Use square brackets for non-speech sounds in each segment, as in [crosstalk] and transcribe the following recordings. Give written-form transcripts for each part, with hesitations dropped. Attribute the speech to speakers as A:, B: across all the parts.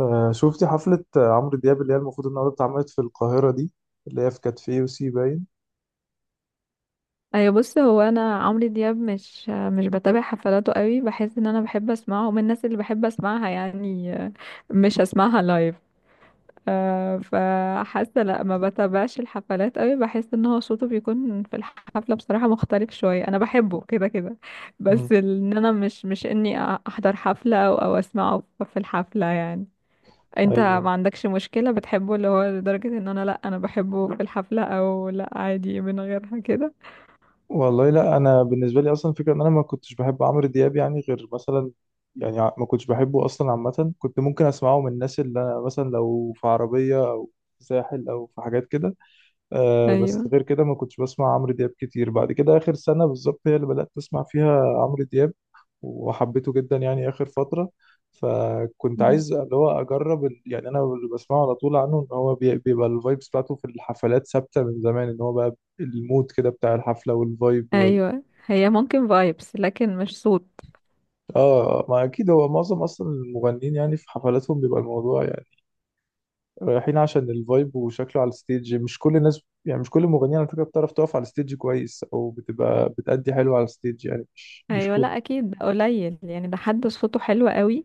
A: شفتي حفلة عمرو دياب اللي هي المفروض النهاردة اتعملت في القاهرة دي اللي هي في كاتفيه وسي باين.
B: ايوه، بص، هو انا عمرو دياب مش بتابع حفلاته قوي. بحس ان انا بحب اسمعه ومن الناس اللي بحب اسمعها يعني. مش هسمعها لايف. فحاسه لا ما بتابعش الحفلات قوي. بحس ان هو صوته بيكون في الحفله بصراحه مختلف شويه. انا بحبه كده كده.
A: مم.
B: بس ان انا مش اني احضر حفله او اسمعه في الحفله يعني. انت
A: ايوه،
B: ما عندكش مشكله بتحبه اللي هو لدرجه، ان انا، لا، انا بحبه في الحفله، او لا، عادي من غيرها كده؟
A: والله لا انا بالنسبة لي اصلا فكرة ان انا ما كنتش بحب عمرو دياب يعني غير مثلا، يعني ما كنتش بحبه اصلا عامة، كنت ممكن اسمعه من الناس اللي أنا مثلا لو في عربية او في ساحل او في حاجات كده. آه بس
B: ايوه.
A: غير كده ما كنتش بسمع عمرو دياب كتير. بعد كده آخر سنة بالظبط هي اللي بدأت أسمع فيها عمرو دياب وحبيته جدا يعني آخر فترة. فكنت عايز اللي هو أجرب يعني أنا اللي بسمعه على طول عنه إن هو بيبقى الفايبس بتاعته في الحفلات ثابتة من زمان، إن هو بقى المود كده بتاع الحفلة والفايب.
B: ايوه، هي ممكن فايبس، لكن مش صوت.
A: آه، ما أكيد هو معظم أصلا المغنيين يعني في حفلاتهم بيبقى الموضوع يعني رايحين عشان الفايب وشكله على الستيج. مش كل الناس يعني مش كل المغنيين على فكرة بتعرف تقف على الستيج كويس او بتبقى بتأدي حلو على الستيج، يعني مش
B: ايوه،
A: كل.
B: لا اكيد ده قليل يعني. ده حد صوته حلو قوي.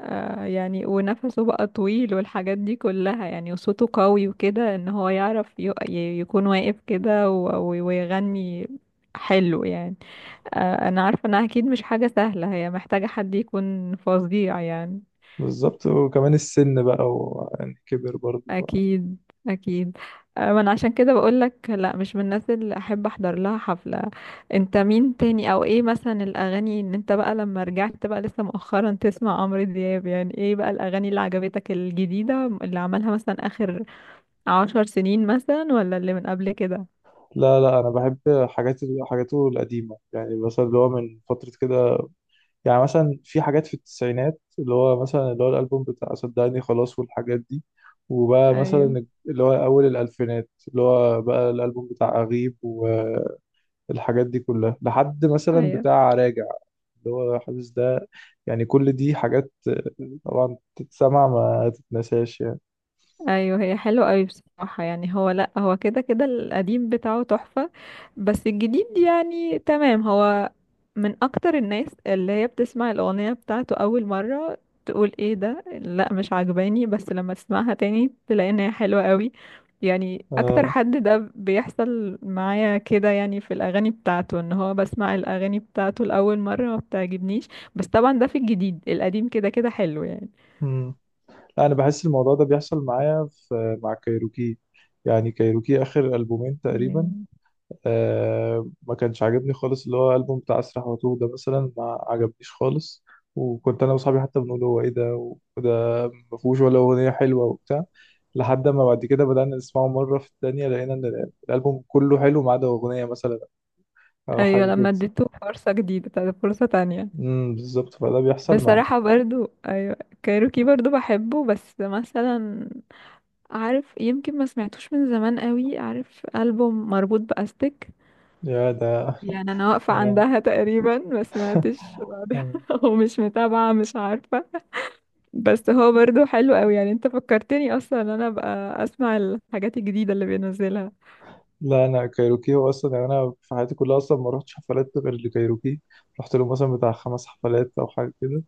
B: آه يعني، ونفسه بقى طويل والحاجات دي كلها يعني، وصوته قوي وكده، ان هو يعرف يكون واقف كده ويغني حلو يعني. آه، انا عارفه انها اكيد مش حاجه سهله. هي محتاجه حد يكون فظيع يعني.
A: بالظبط، وكمان السن بقى ويعني كبر برضه.
B: اكيد. اكيد. ما انا عشان كده بقول لك لا مش من الناس اللي احب احضر لها حفلة. انت مين تاني، او ايه مثلا الاغاني ان انت بقى لما رجعت بقى لسه مؤخرا تسمع عمرو دياب؟ يعني ايه بقى الاغاني اللي عجبتك الجديدة اللي عملها مثلا اخر عشر سنين مثلا، ولا اللي من قبل كده؟
A: لا لا، انا بحب حاجات، حاجاته القديمه، يعني مثلا اللي هو من فتره كده. يعني مثلا في حاجات في التسعينات، اللي هو مثلا اللي هو الالبوم بتاع صدقني خلاص والحاجات دي. وبقى
B: ايوه.
A: مثلا اللي هو اول الالفينات اللي هو بقى الالبوم بتاع اغيب. الحاجات دي كلها لحد مثلا
B: ايوه.
A: بتاع راجع، اللي هو حاسس ده. يعني كل دي حاجات طبعا تتسمع ما تتنساش يعني.
B: ايوه، هي حلوه قوي بصراحه يعني. هو لا، هو كده كده القديم بتاعه تحفه، بس الجديد يعني تمام. هو من اكتر الناس اللي هي بتسمع الاغنيه بتاعته اول مره تقول ايه ده، لا مش عجباني، بس لما تسمعها تاني تلاقي ان هي حلوه قوي. يعني اكتر
A: اه.
B: حد ده بيحصل معايا كده يعني، في الاغاني بتاعته، ان هو بسمع الاغاني بتاعته لاول مره ما بتعجبنيش. بس طبعا ده في الجديد، القديم كده كده حلو
A: امم. لا انا بحس الموضوع ده بيحصل معايا في مع كايروكي. يعني كايروكي اخر البومين تقريبا
B: يعني.
A: آه ما كانش عاجبني خالص، اللي هو البوم بتاع اسرح واتوه ده مثلا ما عجبنيش خالص. وكنت انا واصحابي حتى بنقول هو ايه ده، وده ما فيهوش ولا اغنيه حلوه وبتاع. لحد ما بعد كده بدأنا نسمعه مرة في التانية، لقينا إن الألبوم كله حلو ما عدا أغنية مثلا أو
B: ايوه،
A: حاجة
B: لما
A: كده.
B: اديته فرصة جديدة، فرصة تانية.
A: امم، بالظبط. فده بيحصل مع.
B: بصراحة برضو ايوه، كايروكي برضو بحبه، بس مثلا عارف، يمكن ما سمعتوش من زمان قوي، عارف ألبوم مربوط بأستك؟
A: يا ده.
B: يعني انا واقفة
A: آه،
B: عندها تقريبا، ما سمعتش بعدها
A: آه.
B: [laughs] ومش متابعة مش عارفة. بس هو برضو حلو قوي يعني. انت فكرتني اصلا ان انا ابقى اسمع الحاجات الجديدة اللي بينزلها.
A: لا، أنا كايروكي هو أصلا يعني أنا في حياتي كلها أصلا ما رحتش حفلات غير لكايروكي. رحت له مثلا بتاع خمس حفلات أو حاجة كده.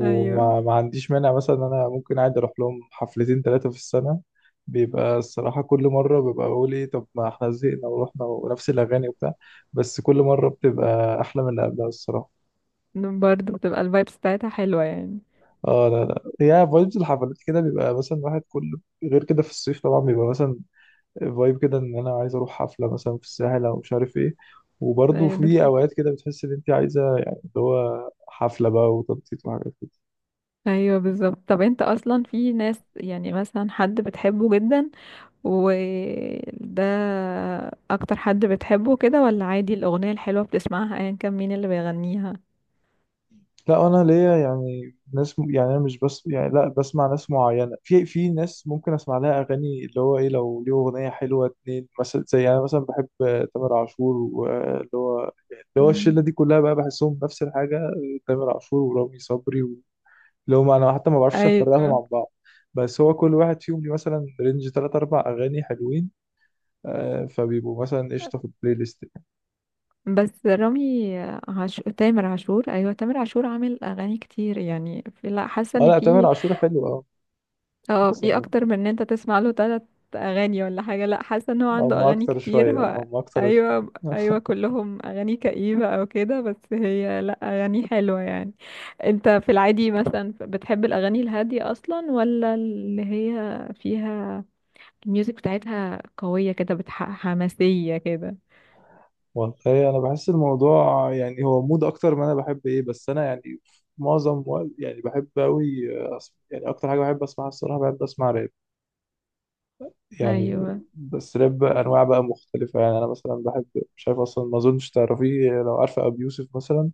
B: ايوه،
A: ما عنديش مانع مثلا إن أنا ممكن عادي أروح لهم حفلتين تلاتة في السنة. بيبقى الصراحة كل مرة ببقى بقول إيه طب ما إحنا زهقنا ورحنا ونفس الأغاني وبتاع، بس كل مرة بتبقى أحلى من اللي قبلها الصراحة.
B: برضو بتبقى الفايبس بتاعتها حلوة يعني.
A: اه لا لا، هي فايبز الحفلات كده بيبقى مثلا واحد كل غير كده. في الصيف طبعا بيبقى مثلا فايب كده ان انا عايز اروح حفله مثلا في الساحل او مش عارف ايه. وبرضه
B: ايوه
A: في
B: ده.
A: اوقات كده بتحس ان انت عايزه يعني اللي هو حفله بقى وتنطيط وحاجات.
B: ايوه بالظبط. طب انت اصلا في ناس يعني مثلا حد بتحبه جدا، وده اكتر حد بتحبه كده، ولا عادي الاغنية الحلوة بتسمعها ايا كان مين اللي بيغنيها؟
A: لا، انا ليا يعني ناس يعني انا مش بس يعني لا بسمع ناس معينه، في في ناس ممكن اسمع لها اغاني اللي هو ايه لو ليه اغنيه حلوه اتنين مثلا. زي انا مثلا بحب تامر عاشور واللي هو يعني اللي هو
B: مم.
A: الشله دي كلها بقى بحسهم نفس الحاجه. تامر عاشور ورامي صبري اللي هم انا حتى ما بعرفش افرقهم
B: ايوه.
A: عن بعض. بس هو كل واحد فيهم ليه مثلا رينج تلات اربع اغاني حلوين. آه، فبيبقوا مثلا قشطه في البلاي ليست.
B: بس رامي عاشور، تامر عاشور، ايوه تامر عاشور عامل اغاني كتير يعني. في لا، حاسه
A: اه،
B: ان
A: لا تامر
B: في،
A: عاشور حلو اه.
B: اه،
A: بس
B: في
A: أنا-
B: اكتر من ان انت تسمع له تلات اغاني ولا حاجه. لا حاسه ان هو
A: او
B: عنده
A: ما
B: اغاني
A: اكتر
B: كتير
A: شويه، او
B: هو.
A: ما اكتر
B: ايوه
A: شويه.
B: ايوه، كلهم اغاني كئيبه او كده، بس هي لا، اغاني حلوه يعني. انت في العادي مثلا بتحب الاغاني الهاديه اصلا، ولا اللي هي فيها الميوزك بتاعتها قويه كده حماسيه كده؟
A: والله انا بحس الموضوع يعني هو مود اكتر ما انا بحب ايه، بس انا يعني معظم وقت يعني بحب قوي أسمع، يعني اكتر حاجه بحب اسمعها الصراحه بحب اسمع راب يعني.
B: ايوه.
A: بس راب انواع بقى مختلفه. يعني انا مثلا بحب، مش عارف اصلا ما اظنش تعرفيه، لو عارفه ابي يوسف مثلا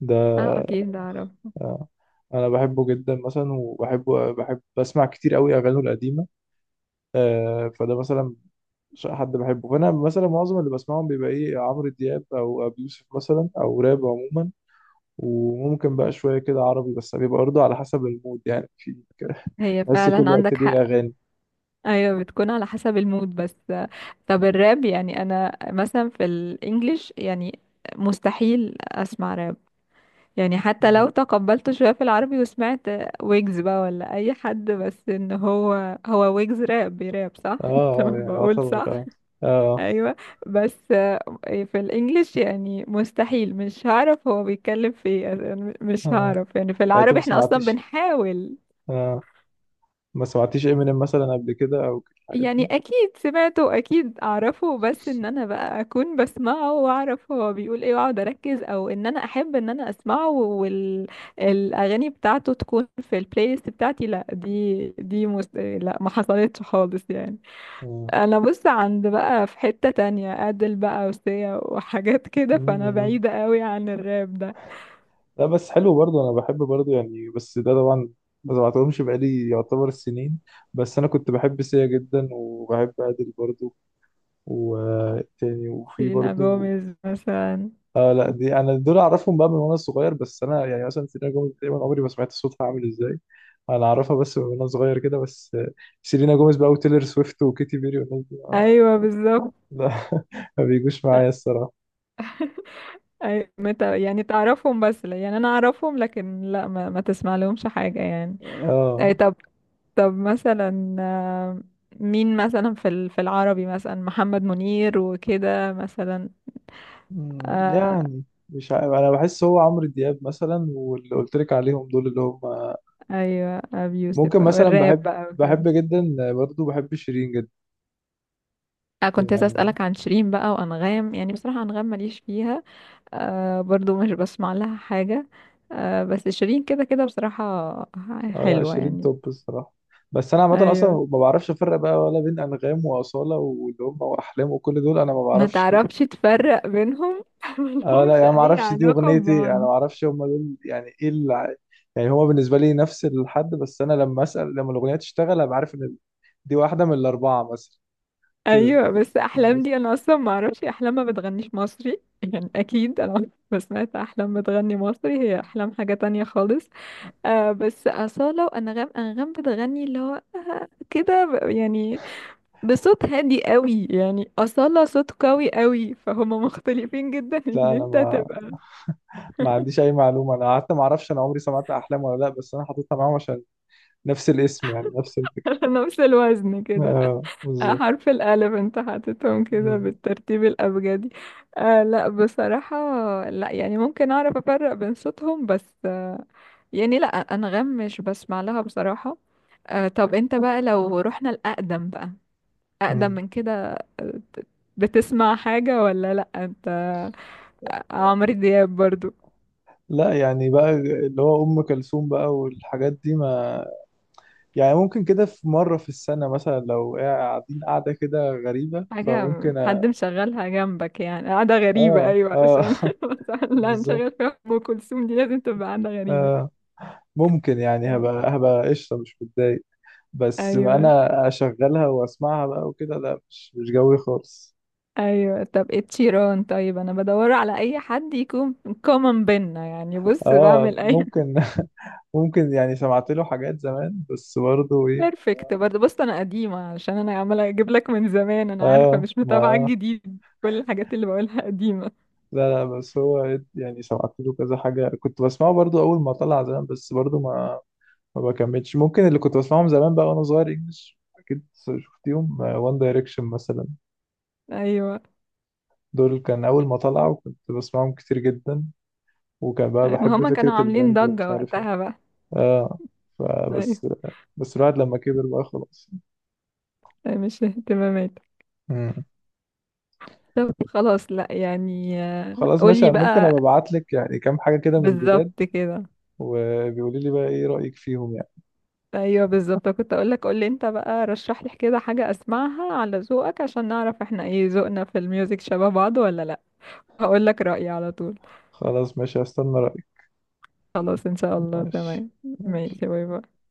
A: ده.
B: اه اكيد اعرف.
A: آه، انا بحبه جدا مثلا، وبحبه بحب بسمع كتير قوي اغانيه القديمه. فده مثلا حد بحبه. فانا مثلا معظم اللي بسمعهم بيبقى ايه عمرو دياب او ابي يوسف مثلا او راب عموما. وممكن بقى شوية كده عربي، بس بيبقى برضه على حسب المود يعني. في [laughs]
B: هي
A: تحس
B: فعلا
A: كل وقت
B: عندك
A: ليه
B: حق.
A: أغاني.
B: ايوه، بتكون على حسب المود بس. طب الراب يعني، انا مثلا في الانجليش يعني مستحيل اسمع راب يعني. حتى لو
A: مم.
B: تقبلته شويه في العربي، وسمعت ويجز بقى ولا اي حد، بس ان هو هو ويجز راب بيراب صح
A: اه
B: [laughs] تمام،
A: اه يعني
B: بقول
A: يعتبر
B: صح.
A: اه. اه
B: ايوه. بس في الانجليش يعني مستحيل، مش هعرف هو بيتكلم في ايه. أنا مش
A: اه
B: هعرف يعني، في
A: يعني انت
B: العربي
A: ما
B: احنا اصلا
A: سمعتيش
B: بنحاول
A: اه ما سمعتيش امينيم مثلا قبل كده او كده الحاجات
B: يعني.
A: دي.
B: اكيد سمعته واكيد اعرفه، بس ان انا بقى اكون بسمعه واعرف هو بيقول ايه واقعد اركز، او ان انا احب ان انا اسمعه والاغاني بتاعته تكون في البلاي ليست بتاعتي، لا دي لا ما حصلتش خالص يعني.
A: اه.
B: انا بص عند بقى في حتة تانية، ادل بقى وسيا وحاجات كده، فانا
A: مم.
B: بعيدة قوي عن الراب ده.
A: لا بس حلو برضه، انا بحب برضه يعني. بس ده طبعا ما سمعتهمش بقالي يعتبر سنين. بس انا كنت بحب سيا جدا، وبحب ادل برضه، وتاني، وفي
B: سيلينا
A: برضه.
B: جوميز مثلا.
A: اه لا، دي انا دول اعرفهم بقى من وانا صغير. بس انا يعني مثلا سيلينا جوميز تقريبا عمري ما سمعت صوتها عامل ازاي. انا اعرفها بس من وانا صغير كده بس. سيلينا جوميز بقى وتيلر سويفت وكيتي بيري والناس دي
B: ايوه بالظبط.
A: لا [laughs] ما بيجوش معايا الصراحه.
B: يعني تعرفهم، بس يعني انا اعرفهم، لكن لا ما تسمع لهمش حاجة يعني. أي
A: اه.
B: طب، طب مثلا، مين مثلا في في العربي مثلا محمد منير وكده مثلا؟
A: أمم،
B: آه
A: يعني مش عارف. انا بحس هو عمرو دياب مثلا واللي قلت لك عليهم دول اللي هم،
B: ايوه، ابي يوسف
A: ممكن مثلا
B: والراب
A: بحب،
B: بقى وكده.
A: بحب جدا برضه بحب شيرين جدا.
B: أنا كنت لسه
A: يعني
B: أسألك عن شيرين بقى وأنغام. يعني بصراحة أنغام ماليش فيها. آه برضو مش بسمع لها حاجة. آه بس شيرين كده كده بصراحة
A: انا
B: حلوة
A: 20
B: يعني.
A: توب الصراحه. بس انا عامه اصلا
B: أيوه.
A: ما بعرفش افرق بقى ولا بين انغام واصاله واللي هم واحلام وكل دول انا ما
B: ما
A: بعرفش.
B: تعرفش تفرق بينهم [laughs]
A: آه لا،
B: ملهمش
A: يعني ما
B: اي
A: اعرفش دي
B: علاقة
A: اغنيتي،
B: ببعض.
A: انا ما اعرفش هم دول يعني ايه اللي. يعني هو بالنسبه لي نفس الحد، بس انا لما اسال لما الاغنيه تشتغل ابقى عارف ان دي واحده من الاربعه مثلا. كده
B: ايوه، بس احلام
A: بس.
B: دي انا اصلا ما اعرفش. احلام ما بتغنيش مصري يعني. اكيد انا [laughs] عمري ما سمعت احلام بتغني مصري. هي احلام حاجة تانية خالص. آه بس أصالة وأنغام. أنغام بتغني اللي هو آه كده يعني بصوت هادي قوي يعني. أصالة صوت قوي قوي، فهما مختلفين جدا [laughs] ان
A: لا انا
B: انت
A: ما
B: تبقى [laughs]
A: ما عنديش اي معلومه، انا حتى ما اعرفش انا عمري سمعت احلام ولا لا، بس انا حاططها معاهم عشان نفس الاسم يعني نفس الفكره.
B: على نفس الوزن كده.
A: اه
B: آه،
A: بالظبط.
B: حرف الألف انت حاططهم كده
A: مم.
B: بالترتيب الأبجدي. آه لا بصراحة، لا يعني ممكن أعرف أفرق بين صوتهم، بس آه يعني لا، أنغام مش بسمع لها بصراحة. آه طب انت بقى لو رحنا الأقدم بقى، أقدم
A: مم.
B: من كده، آه، بتسمع حاجة ولا لا انت؟ عمرو دياب برضو.
A: لا يعني بقى اللي هو ام كلثوم بقى والحاجات دي ما، يعني ممكن كده في مره في السنه مثلا لو قاعدين قاعده كده غريبه
B: حاجة
A: فممكن.
B: حد مشغلها جنبك يعني، قاعدة غريبة
A: اه
B: أيوة
A: اه
B: عشان
A: [laughs]
B: [laughs] مثلا لا،
A: بالظبط.
B: نشغل فيها أم كلثوم دي لازم تبقى قاعدة غريبة.
A: آه، ممكن يعني هبقى قشطه مش متضايق، بس
B: أيوة.
A: انا اشغلها واسمعها بقى وكده، لا مش جوي خالص.
B: ايوه، طب ايه التيران؟ طيب، انا بدور على اي حد يكون كومن بينا يعني. بص
A: اه
B: بعمل اي
A: ممكن [laughs] ممكن يعني سمعت له حاجات زمان بس برضه
B: [laughs]
A: ايه.
B: بيرفكت. برضه بص انا قديمه، علشان انا عماله اجيب لك من زمان. انا عارفه
A: اه
B: مش متابعه
A: ما
B: الجديد، كل الحاجات اللي بقولها قديمه.
A: لا لا، بس هو يعني سمعت له كذا حاجة، كنت بسمعه برضو أول ما طلع زمان. بس برضو ما بكملش. ممكن اللي كنت بسمعهم زمان بقى وأنا صغير إنجلش أكيد. شفتيهم وان دايركشن مثلا،
B: ايوه،
A: دول كان أول ما طلعوا كنت بسمعهم كتير جدا، وكان بقى
B: ما
A: بحب
B: هما
A: فكرة
B: كانوا عاملين
A: الباند
B: ضجه
A: ومش عارف إيه.
B: وقتها بقى.
A: آه
B: ايوه.
A: فبس. بس الواحد لما كبر بقى خلاص.
B: أيوه، مش اهتمامات.
A: مم.
B: طب خلاص لا يعني،
A: خلاص
B: قولي
A: ماشي، ممكن
B: بقى.
A: أبقى أبعت لك يعني كام حاجة كده من الجداد،
B: بالظبط كده.
A: وبيقولي لي بقى إيه رأيك فيهم يعني.
B: ايوه بالظبط. كنت اقول لك، قول لي انت بقى رشح لي كده حاجه اسمعها على ذوقك، عشان نعرف احنا ايه ذوقنا في الميوزك شبه بعض ولا لا. هقول لك رايي على طول.
A: خلاص ماشي، هستنى رأيك.
B: خلاص ان شاء الله،
A: ماشي.
B: تمام.
A: ماشي.
B: ماشي، باي باي.